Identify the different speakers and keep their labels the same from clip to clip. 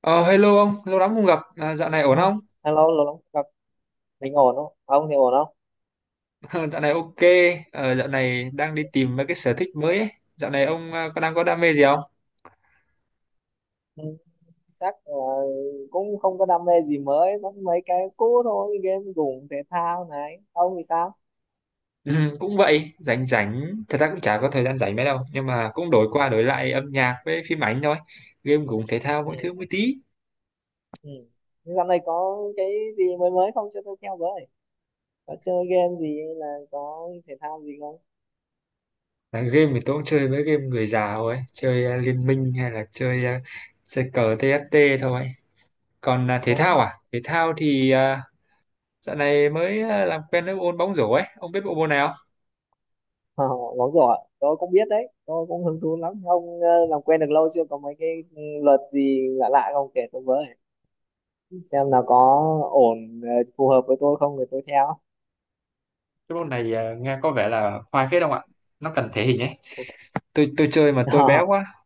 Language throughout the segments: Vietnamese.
Speaker 1: Ờ, Hello ông, lâu lắm không gặp. Dạo này
Speaker 2: Ờ,
Speaker 1: ổn không?
Speaker 2: Hello, lâu lắm không gặp. Mình ổn không? À, ông thì ổn không?
Speaker 1: Dạo này ok. Dạo này đang đi tìm mấy cái sở thích mới ấy. Dạo này ông có đang có đam mê gì không?
Speaker 2: Ừ, chắc là cũng không có đam mê gì mới, vẫn mấy cái cũ thôi, game gủng thể thao này. Ông thì sao?
Speaker 1: Ừ, Cũng vậy, rảnh rảnh. Thật ra cũng chả có thời gian rảnh mấy đâu. Nhưng mà cũng đổi qua đổi lại âm nhạc với phim ảnh thôi. Game cũng thể thao mỗi
Speaker 2: Ừ.
Speaker 1: thứ mỗi tí.
Speaker 2: Ừ. Thế dạo này có cái gì mới mới không cho tôi theo với? Có chơi game gì hay là có thể thao gì không?
Speaker 1: À, game thì tôi cũng chơi mấy game người già thôi. Chơi Liên Minh hay là chơi, chơi cờ TFT thôi. Còn thể
Speaker 2: Có.
Speaker 1: thao à? Thể thao thì dạo này mới làm quen với bộ môn bóng rổ ấy. Ông biết bộ môn này,
Speaker 2: Ờ, bóng rổ, ạ. Tôi cũng biết đấy, tôi cũng hứng thú lắm. Ông làm quen được lâu chưa? Có mấy cái luật gì lạ lạ không kể tôi với? Xem nào có ổn phù hợp với tôi không thì tôi theo.
Speaker 1: cái môn này nghe có vẻ là khoai phết không ạ, nó cần thể hình ấy. Tôi chơi mà tôi bé quá,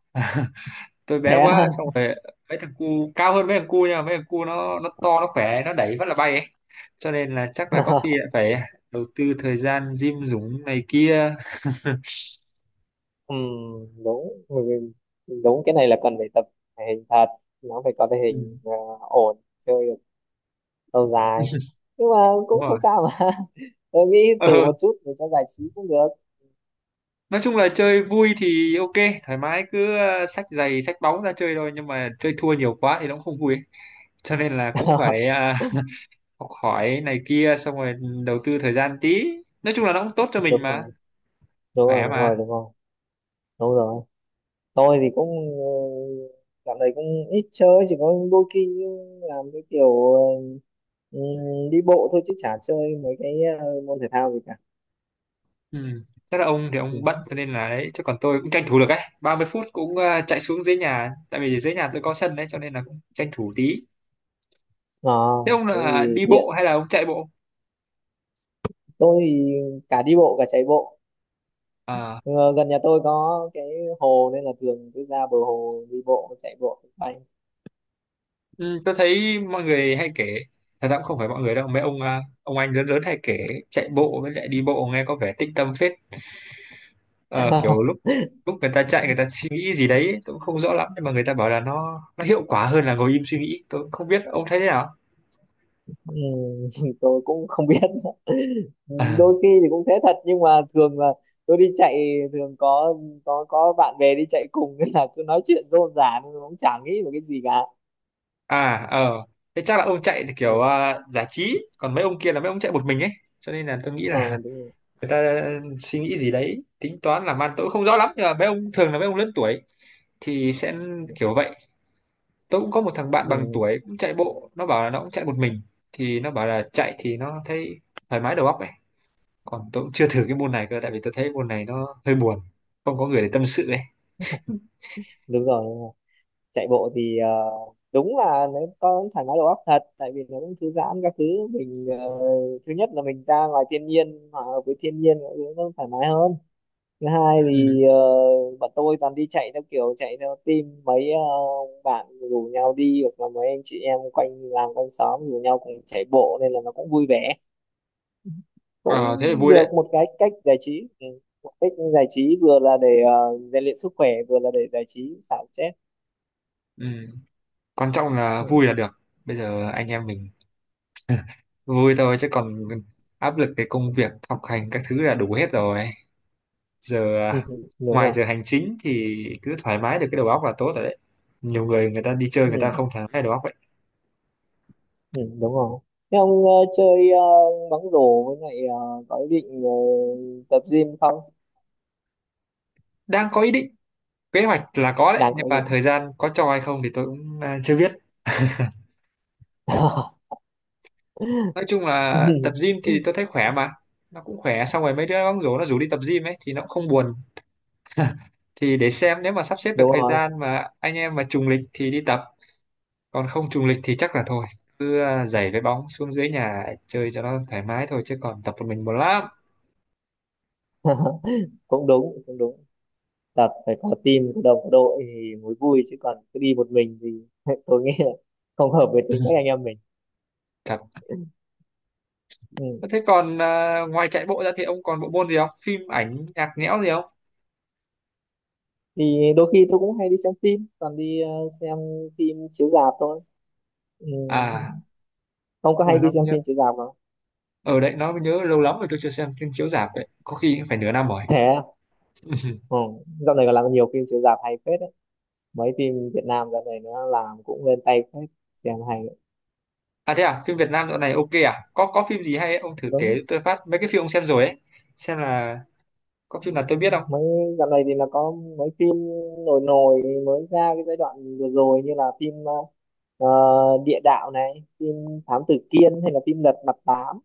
Speaker 2: Thế á.
Speaker 1: xong rồi mấy thằng cu cao hơn mấy thằng cu nha, mấy thằng cu nó to, nó khỏe, nó đẩy rất là bay ấy. Cho nên là chắc là có khi lại phải đầu tư thời gian gym dũng này kia.
Speaker 2: Ừm, đúng người- đúng cái này là cần phải tập thể hình thật, nó phải có thể
Speaker 1: ừ,
Speaker 2: hình ổn chơi được lâu dài, nhưng mà
Speaker 1: Đúng
Speaker 2: cũng không
Speaker 1: rồi.
Speaker 2: sao mà. Tôi nghĩ
Speaker 1: ờ,
Speaker 2: thử một chút để cho giải trí cũng được.
Speaker 1: nói chung là chơi vui thì ok, thoải mái, cứ xách giày xách bóng ra chơi thôi, nhưng mà chơi thua nhiều quá thì nó cũng không vui ấy. Cho nên là cũng phải học hỏi này kia, xong rồi đầu tư thời gian tí. Nói chung là nó cũng tốt cho mình
Speaker 2: Đúng
Speaker 1: mà,
Speaker 2: rồi, đúng rồi,
Speaker 1: khỏe
Speaker 2: đúng rồi,
Speaker 1: mà.
Speaker 2: đúng rồi, đúng rồi. Tôi thì cũng uh, dạo này cũng ít chơi, chỉ có đôi khi làm cái kiểu đi bộ thôi chứ chả chơi mấy cái môn thể thao gì cả.
Speaker 1: Ừ, chắc là ông thì
Speaker 2: Ừ.
Speaker 1: ông bận cho nên là đấy, chứ còn tôi cũng tranh thủ được ấy 30 phút, cũng chạy xuống dưới nhà, tại vì dưới nhà tôi có sân đấy, cho nên là cũng tranh thủ tí.
Speaker 2: Ờ,
Speaker 1: Thế ông
Speaker 2: Thế
Speaker 1: là
Speaker 2: thì
Speaker 1: đi
Speaker 2: tiện,
Speaker 1: bộ hay là ông chạy bộ?
Speaker 2: tôi thì cả đi bộ cả chạy bộ.
Speaker 1: À.
Speaker 2: Ờ, Gần nhà tôi có cái hồ nên là thường cứ ra bờ hồ đi bộ chạy bộ bay.
Speaker 1: Ừ, tôi thấy mọi người hay kể, thật ra cũng không phải mọi người đâu, mấy ông ông anh lớn lớn hay kể chạy bộ với lại đi bộ, nghe có vẻ tĩnh tâm phết. Ờ, kiểu lúc lúc người ta chạy người ta suy nghĩ gì đấy, tôi cũng không rõ lắm, nhưng mà người ta bảo là nó hiệu quả hơn là ngồi im suy nghĩ. Tôi cũng không biết ông thấy thế nào.
Speaker 2: Ừ. Tôi cũng không biết nữa. Đôi khi thì cũng thế thật, nhưng mà thường là tôi đi chạy thường có có bạn bè đi chạy cùng nên là cứ nói chuyện rôm rả nên cũng chả nghĩ về cái gì cả.
Speaker 1: À ờ, thế chắc là ông chạy thì kiểu
Speaker 2: Ừ,
Speaker 1: giải trí, còn mấy ông kia là mấy ông chạy một mình ấy, cho nên là tôi nghĩ
Speaker 2: ờ,
Speaker 1: là
Speaker 2: đúng rồi.
Speaker 1: người ta suy nghĩ gì đấy tính toán làm ăn, tôi cũng không rõ lắm, nhưng mà mấy ông thường là mấy ông lớn tuổi thì sẽ kiểu vậy. Tôi cũng có một thằng bạn bằng
Speaker 2: Ừ,
Speaker 1: tuổi cũng chạy bộ, nó bảo là nó cũng chạy một mình, thì nó bảo là chạy thì nó thấy thoải mái đầu óc ấy. Còn tôi cũng chưa thử cái môn này cơ, tại vì tôi thấy môn này nó hơi buồn, không có người để tâm sự ấy.
Speaker 2: đúng rồi. Chạy bộ thì đúng là nó có thoải mái đầu óc thật, tại vì nó cũng thư giãn các thứ. Mình thứ nhất là mình ra ngoài thiên nhiên, hòa hợp với thiên nhiên, mọi thứ nó thoải mái hơn. Thứ hai
Speaker 1: Ừ.
Speaker 2: thì bọn tôi toàn đi chạy theo kiểu chạy theo team, mấy bạn rủ nhau đi hoặc là mấy anh chị em quanh làng quanh xóm rủ nhau cùng chạy bộ nên là nó cũng vui vẻ,
Speaker 1: Ờ,
Speaker 2: cũng
Speaker 1: thế là vui
Speaker 2: được
Speaker 1: đấy.
Speaker 2: một cái cách giải trí. Ừ, một cách giải trí vừa là để rèn luyện sức khỏe, vừa là để giải trí xả stress.
Speaker 1: Ừ, quan trọng là
Speaker 2: Ừ.
Speaker 1: vui là được. Bây giờ anh em mình vui thôi, chứ còn áp lực cái công việc học hành các thứ là đủ hết rồi. Giờ
Speaker 2: Đúng
Speaker 1: ngoài
Speaker 2: rồi.
Speaker 1: giờ hành chính thì cứ thoải mái được cái đầu óc là tốt rồi đấy. Nhiều người người ta đi chơi người ta
Speaker 2: Ừ.
Speaker 1: không thoải mái đầu óc vậy.
Speaker 2: Ừ, đúng rồi. Thế ông chơi bóng rổ, với lại có ý định tập gym không?
Speaker 1: Đang có ý định, kế hoạch là có đấy,
Speaker 2: Đang
Speaker 1: nhưng
Speaker 2: có ý
Speaker 1: mà
Speaker 2: định.
Speaker 1: thời gian có cho hay không thì tôi cũng chưa biết. Nói chung là tập gym thì tôi thấy khỏe mà, nó cũng khỏe, xong rồi mấy đứa bóng rổ nó rủ đi tập gym ấy thì nó cũng không buồn. Thì để xem nếu mà sắp xếp được
Speaker 2: Đúng
Speaker 1: thời
Speaker 2: rồi.
Speaker 1: gian mà anh em mà trùng lịch thì đi tập, còn không trùng lịch thì chắc là thôi, cứ giày với bóng xuống dưới nhà chơi cho nó thoải mái thôi, chứ còn tập một mình buồn lắm.
Speaker 2: Cũng đúng, cũng đúng. Tập phải có team, có đồng, có đội thì mới vui, chứ còn cứ đi một mình thì tôi nghĩ là không hợp với tính cách anh em mình.
Speaker 1: Thật.
Speaker 2: Ừ.
Speaker 1: Thế còn ngoài chạy bộ ra thì ông còn bộ môn gì không, phim ảnh nhạc nhẽo gì không?
Speaker 2: Thì đôi khi tôi cũng hay đi xem phim, toàn đi xem phim chiếu rạp thôi. Ừ.
Speaker 1: À,
Speaker 2: Ông có
Speaker 1: ôi
Speaker 2: hay
Speaker 1: nó
Speaker 2: đi xem
Speaker 1: nhớ,
Speaker 2: phim chiếu rạp không?
Speaker 1: ở đấy nó mới nhớ. Lâu lắm rồi tôi chưa xem phim chiếu rạp đấy, có khi cũng phải nửa năm rồi.
Speaker 2: Thế à? Ừ. Dạo này còn làm nhiều phim chiếu rạp hay phết, mấy phim Việt Nam dạo này nó làm cũng lên tay phết, xem hay đấy.
Speaker 1: À thế à, phim Việt Nam dạo này ok à? Có phim gì hay ấy? Ông thử kể
Speaker 2: Đúng,
Speaker 1: tôi phát mấy cái phim ông xem rồi ấy, xem là có phim nào tôi biết không.
Speaker 2: mấy dạo này thì nó có mấy phim nổi nổi mới ra cái giai đoạn vừa rồi, như là phim Địa Đạo này, phim Thám Tử Kiên, hay là phim Lật Mặt Tám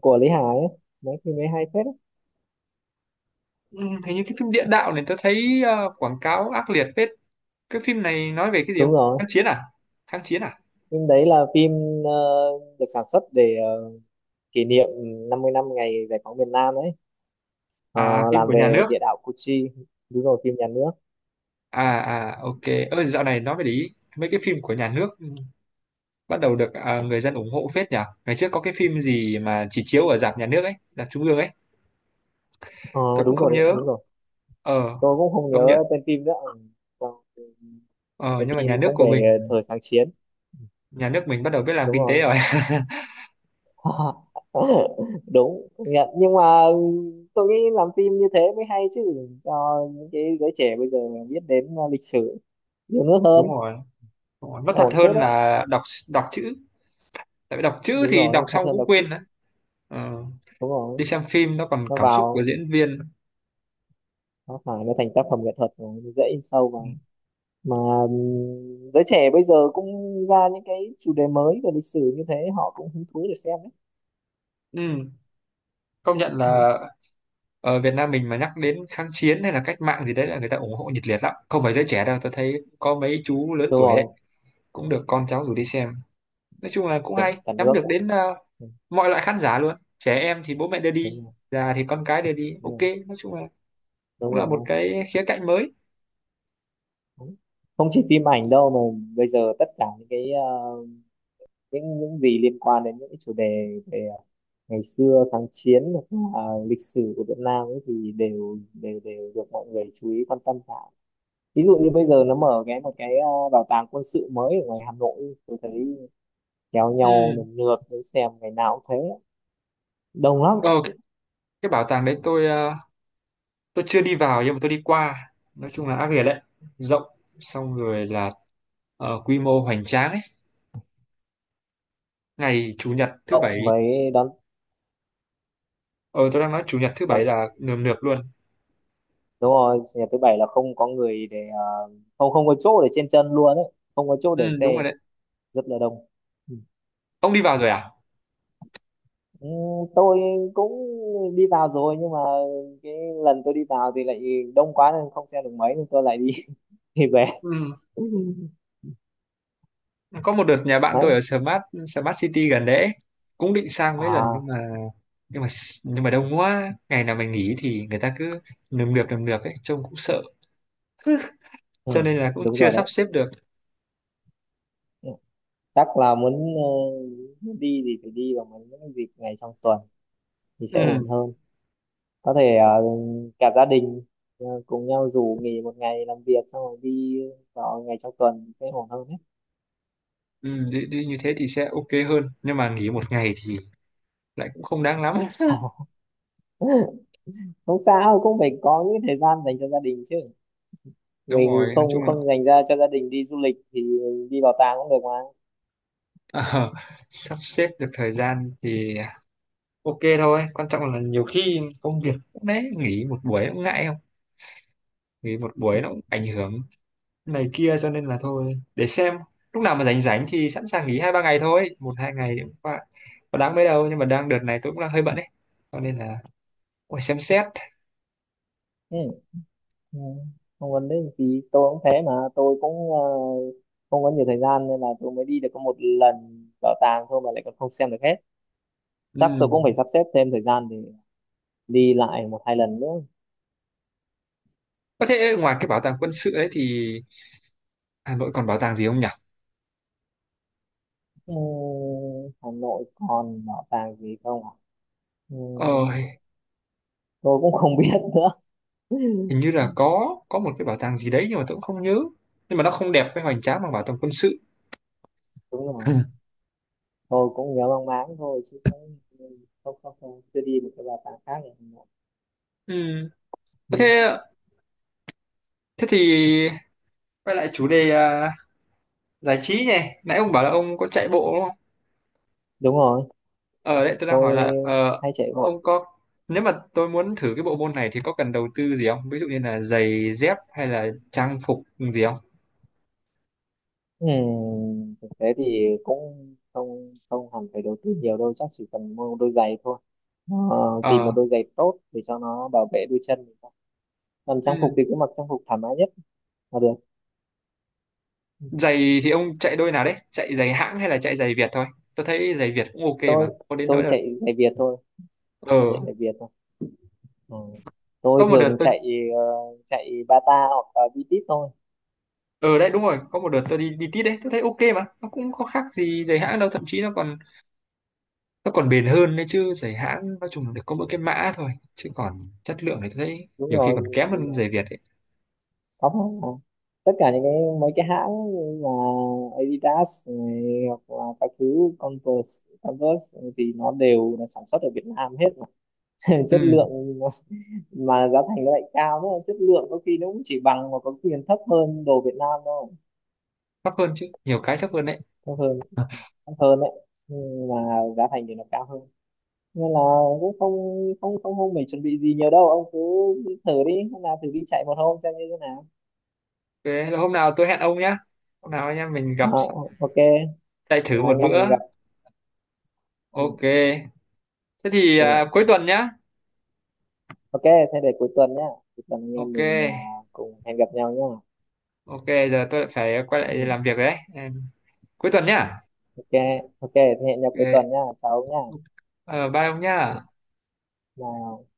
Speaker 2: của Lý Hải ấy. Mấy phim ấy hay phết ấy.
Speaker 1: Ừ, hình như cái phim địa đạo này tôi thấy quảng cáo ác liệt phết. Cái phim này nói về cái gì
Speaker 2: Đúng
Speaker 1: không,
Speaker 2: rồi,
Speaker 1: kháng chiến à? Kháng chiến à?
Speaker 2: phim đấy là phim ờ, được sản xuất để kỷ niệm 50 năm ngày giải phóng miền Nam đấy. Ờ,
Speaker 1: À, phim
Speaker 2: làm
Speaker 1: của nhà
Speaker 2: về
Speaker 1: nước
Speaker 2: địa đạo Củ Chi. Đúng rồi, phim nhà nước.
Speaker 1: à? À ok, ơ dạo này nói về lý, mấy cái phim của nhà nước bắt đầu được người dân ủng hộ phết nhỉ. Ngày trước có cái phim gì mà chỉ chiếu ở rạp nhà nước ấy, rạp trung ương ấy,
Speaker 2: Ờ,
Speaker 1: tôi cũng
Speaker 2: Đúng
Speaker 1: không
Speaker 2: rồi,
Speaker 1: nhớ.
Speaker 2: đúng rồi,
Speaker 1: Ờ,
Speaker 2: tôi cũng không
Speaker 1: công nhận.
Speaker 2: nhớ tên phim nữa. Ừ, còn
Speaker 1: Ờ,
Speaker 2: cái
Speaker 1: nhưng mà nhà
Speaker 2: phim
Speaker 1: nước
Speaker 2: cũng
Speaker 1: của mình,
Speaker 2: về thời kháng chiến.
Speaker 1: nhà nước mình bắt đầu biết làm
Speaker 2: Đúng
Speaker 1: kinh tế
Speaker 2: rồi.
Speaker 1: rồi.
Speaker 2: Đúng, công nhận, nhưng mà tôi nghĩ làm phim như thế mới hay chứ, cho những cái giới trẻ bây giờ biết đến lịch sử nhiều nước
Speaker 1: Đúng
Speaker 2: hơn.
Speaker 1: rồi, đúng rồi. Nó thật
Speaker 2: Ổn phết
Speaker 1: hơn
Speaker 2: đấy.
Speaker 1: là đọc, đọc chữ, tại vì đọc chữ
Speaker 2: Đúng
Speaker 1: thì đọc
Speaker 2: rồi, thật
Speaker 1: xong
Speaker 2: hơn
Speaker 1: cũng
Speaker 2: đọc chữ.
Speaker 1: quên đấy. Ờ,
Speaker 2: Đúng rồi,
Speaker 1: đi xem phim nó còn
Speaker 2: nó
Speaker 1: cảm xúc của
Speaker 2: vào,
Speaker 1: diễn viên.
Speaker 2: nó phải nó thành tác phẩm nghệ thuật rồi nó dễ in sâu vào, mà giới trẻ bây giờ cũng ra những cái chủ đề mới về lịch sử như thế, họ cũng hứng thú để xem đấy.
Speaker 1: Ừ, công nhận
Speaker 2: Ừ.
Speaker 1: là ở Việt Nam mình mà nhắc đến kháng chiến hay là cách mạng gì đấy là người ta ủng hộ nhiệt liệt lắm, không phải giới trẻ đâu, tôi thấy có mấy chú lớn
Speaker 2: Đúng
Speaker 1: tuổi ấy,
Speaker 2: rồi,
Speaker 1: cũng được con cháu rủ đi xem. Nói chung là cũng
Speaker 2: đúng
Speaker 1: hay,
Speaker 2: cả
Speaker 1: nhắm
Speaker 2: nước.
Speaker 1: được đến
Speaker 2: Ừ,
Speaker 1: mọi loại khán giả luôn, trẻ em thì bố mẹ đưa đi,
Speaker 2: đúng rồi,
Speaker 1: già thì con cái đưa đi,
Speaker 2: đúng
Speaker 1: ok.
Speaker 2: rồi,
Speaker 1: Nói chung là
Speaker 2: đúng
Speaker 1: cũng là một
Speaker 2: rồi.
Speaker 1: cái khía cạnh mới.
Speaker 2: Đúng. Không chỉ phim ảnh đâu mà bây giờ tất cả những cái những gì liên quan đến những cái chủ đề về ngày xưa kháng chiến hoặc là lịch sử của Việt Nam ấy thì đều đều đều được mọi người chú ý quan tâm cả. Ví dụ như bây giờ nó mở một cái bảo tàng quân sự mới ở ngoài Hà Nội, tôi thấy kéo nhau
Speaker 1: Ừ.
Speaker 2: nườm nượp để xem, ngày nào cũng thế, đông lắm.
Speaker 1: Ờ, cái bảo tàng đấy tôi tôi chưa đi vào nhưng mà tôi đi qua, nói chung là ác liệt đấy, rộng, xong rồi là quy mô hoành tráng ấy. Ngày chủ nhật thứ
Speaker 2: Cộng
Speaker 1: bảy,
Speaker 2: với đón,
Speaker 1: ờ tôi đang nói chủ nhật thứ bảy là nườm nượp luôn.
Speaker 2: đúng rồi, nhà thứ bảy là không có người để không không có chỗ để trên chân luôn ấy, không có chỗ
Speaker 1: Ừ
Speaker 2: để
Speaker 1: đúng rồi
Speaker 2: xe,
Speaker 1: đấy.
Speaker 2: rất là đông. Ừ.
Speaker 1: Ông đi vào rồi à?
Speaker 2: Ừ, tôi cũng đi vào rồi, nhưng mà cái lần tôi đi vào thì lại đông quá nên không xem được mấy nên tôi lại đi đi về.
Speaker 1: Ừ, có một đợt nhà bạn
Speaker 2: Đấy
Speaker 1: tôi ở Smart, Smart City gần đấy ấy. Cũng định sang mấy lần
Speaker 2: à.
Speaker 1: nhưng mà, nhưng mà nhưng mà đông quá, ngày nào mình nghỉ thì người ta cứ nườm nượp ấy, trông cũng sợ,
Speaker 2: Ừ,
Speaker 1: cho nên là cũng
Speaker 2: đúng
Speaker 1: chưa
Speaker 2: rồi
Speaker 1: sắp
Speaker 2: đấy.
Speaker 1: xếp được.
Speaker 2: Ừ, chắc là muốn đi thì phải đi vào mấy những dịp ngày trong tuần thì sẽ ổn
Speaker 1: Ừ,
Speaker 2: hơn. Có thể cả gia đình cùng nhau rủ nghỉ một ngày làm việc xong rồi đi vào ngày trong tuần sẽ ổn hơn đấy.
Speaker 1: ừ đi, đi như thế thì sẽ ok hơn, nhưng mà nghỉ một ngày thì lại cũng không đáng lắm.
Speaker 2: Không sao, cũng phải có những thời gian dành cho gia đình chứ,
Speaker 1: Đúng
Speaker 2: mình
Speaker 1: rồi, nói
Speaker 2: không
Speaker 1: chung là
Speaker 2: không dành ra cho gia đình đi du lịch thì mình đi bảo tàng cũng được mà.
Speaker 1: ờ, sắp xếp được thời gian thì ok thôi. Quan trọng là nhiều khi công việc cũng đấy, nghỉ một buổi cũng ngại, không nghỉ một buổi nó cũng ảnh hưởng này kia, cho nên là thôi để xem lúc nào mà rảnh rảnh thì sẵn sàng nghỉ hai ba ngày thôi, một hai ngày thì cũng qua, có đáng mấy đâu, nhưng mà đang đợt này tôi cũng đang hơi bận ấy, cho nên là phải xem xét.
Speaker 2: Ừ. Ừ, không vấn đề gì, tôi cũng thế mà, tôi cũng không có nhiều thời gian nên là tôi mới đi được có một lần bảo tàng thôi mà lại còn không xem được hết. Chắc tôi
Speaker 1: Ừm.
Speaker 2: cũng phải sắp xếp thêm thời gian để đi lại một hai lần nữa.
Speaker 1: Có thể ngoài cái bảo tàng quân sự ấy thì Hà Nội còn bảo tàng gì không nhỉ?
Speaker 2: Ừ, Hà Nội còn bảo tàng gì không ạ? Ừ,
Speaker 1: Ờ
Speaker 2: tôi cũng không biết nữa.
Speaker 1: hình như là có một cái bảo tàng gì đấy, nhưng mà tôi cũng không nhớ, nhưng mà nó không đẹp với hoành tráng bằng bảo tàng quân sự.
Speaker 2: Đúng rồi, tôi cũng nhớ mang máng thôi chứ cũng không không không chưa đi một cái bảo tàng khác ở Hà Nội.
Speaker 1: Ừm. Có
Speaker 2: Ừ.
Speaker 1: thế, thế thì quay lại chủ đề giải trí nhỉ. Nãy ông bảo là ông có chạy bộ đúng không?
Speaker 2: Đúng rồi,
Speaker 1: Ở đấy tôi đang
Speaker 2: tôi
Speaker 1: hỏi là
Speaker 2: hay chạy bộ.
Speaker 1: ông có, nếu mà tôi muốn thử cái bộ môn này thì có cần đầu tư gì không, ví dụ như là giày dép hay là trang phục gì không?
Speaker 2: Ừ, thực tế thì cũng không không hẳn phải đầu tư nhiều đâu, chắc chỉ cần mua một đôi giày thôi. Ờ, tìm
Speaker 1: Ờ
Speaker 2: một đôi giày tốt để cho nó bảo vệ đôi chân mình thôi. Còn trang phục
Speaker 1: ừ,
Speaker 2: thì cứ mặc trang phục thoải mái nhất là được. Ừ,
Speaker 1: giày thì ông chạy đôi nào đấy, chạy giày hãng hay là chạy giày Việt thôi? Tôi thấy giày Việt cũng ok
Speaker 2: Tôi
Speaker 1: mà, có đến nỗi
Speaker 2: tôi
Speaker 1: là
Speaker 2: chạy giày Việt thôi.
Speaker 1: ờ
Speaker 2: Tôi chạy chạy Việt thôi. Ừ,
Speaker 1: có
Speaker 2: tôi
Speaker 1: một đợt
Speaker 2: thường
Speaker 1: tôi
Speaker 2: chạy ờ, chạy Bata hoặc là Vitis thôi.
Speaker 1: ở đấy đúng rồi, có một đợt tôi đi đi tít đấy, tôi thấy ok mà, nó cũng có khác gì giày hãng đâu, thậm chí nó còn bền hơn đấy chứ. Giày hãng nói chung là được có mỗi cái mã thôi, chứ còn chất lượng thì tôi thấy
Speaker 2: Đúng
Speaker 1: nhiều khi còn
Speaker 2: rồi,
Speaker 1: kém
Speaker 2: đúng
Speaker 1: hơn giày
Speaker 2: rồi.
Speaker 1: Việt ấy.
Speaker 2: Có mà, tất cả những cái mấy cái hãng như là Adidas này, hoặc là các thứ Converse Converse thì nó đều là sản xuất ở Việt Nam hết mà. Chất
Speaker 1: Ừ,
Speaker 2: lượng nó- mà giá thành nó lại cao nữa, chất lượng có khi nó cũng chỉ bằng mà có khi còn thấp hơn đồ Việt Nam thôi.
Speaker 1: thấp hơn chứ, nhiều cái thấp hơn đấy.
Speaker 2: Thấp hơn, thấp hơn đấy, nhưng mà giá thành thì nó cao hơn nên là cũng không không không không phải chuẩn bị gì nhiều đâu, ông cứ thử đi, hôm nào thử đi chạy một hôm xem như thế nào.
Speaker 1: Thế là hôm nào tôi hẹn ông nhá, hôm nào anh em mình gặp
Speaker 2: Ờ,
Speaker 1: xong
Speaker 2: ờ, ok,
Speaker 1: chạy thử
Speaker 2: là
Speaker 1: một
Speaker 2: anh em
Speaker 1: bữa.
Speaker 2: mình gặp. Ừ,
Speaker 1: Ok thế thì
Speaker 2: ok.
Speaker 1: cuối tuần nhá.
Speaker 2: Ok, thế để cuối tuần nhá. Cuối tuần anh em
Speaker 1: Ok
Speaker 2: mình cùng hẹn gặp nhau nhá.
Speaker 1: ok. Giờ tôi lại phải quay lại làm
Speaker 2: Ừ,
Speaker 1: việc rồi đấy. Em- cuối tuần nhá.
Speaker 2: ok. Ok, thế hẹn nhau cuối tuần
Speaker 1: Ok.
Speaker 2: nhá, chào ông nhá.
Speaker 1: Ờ, bye ông
Speaker 2: Ừ,
Speaker 1: nhá.
Speaker 2: bye.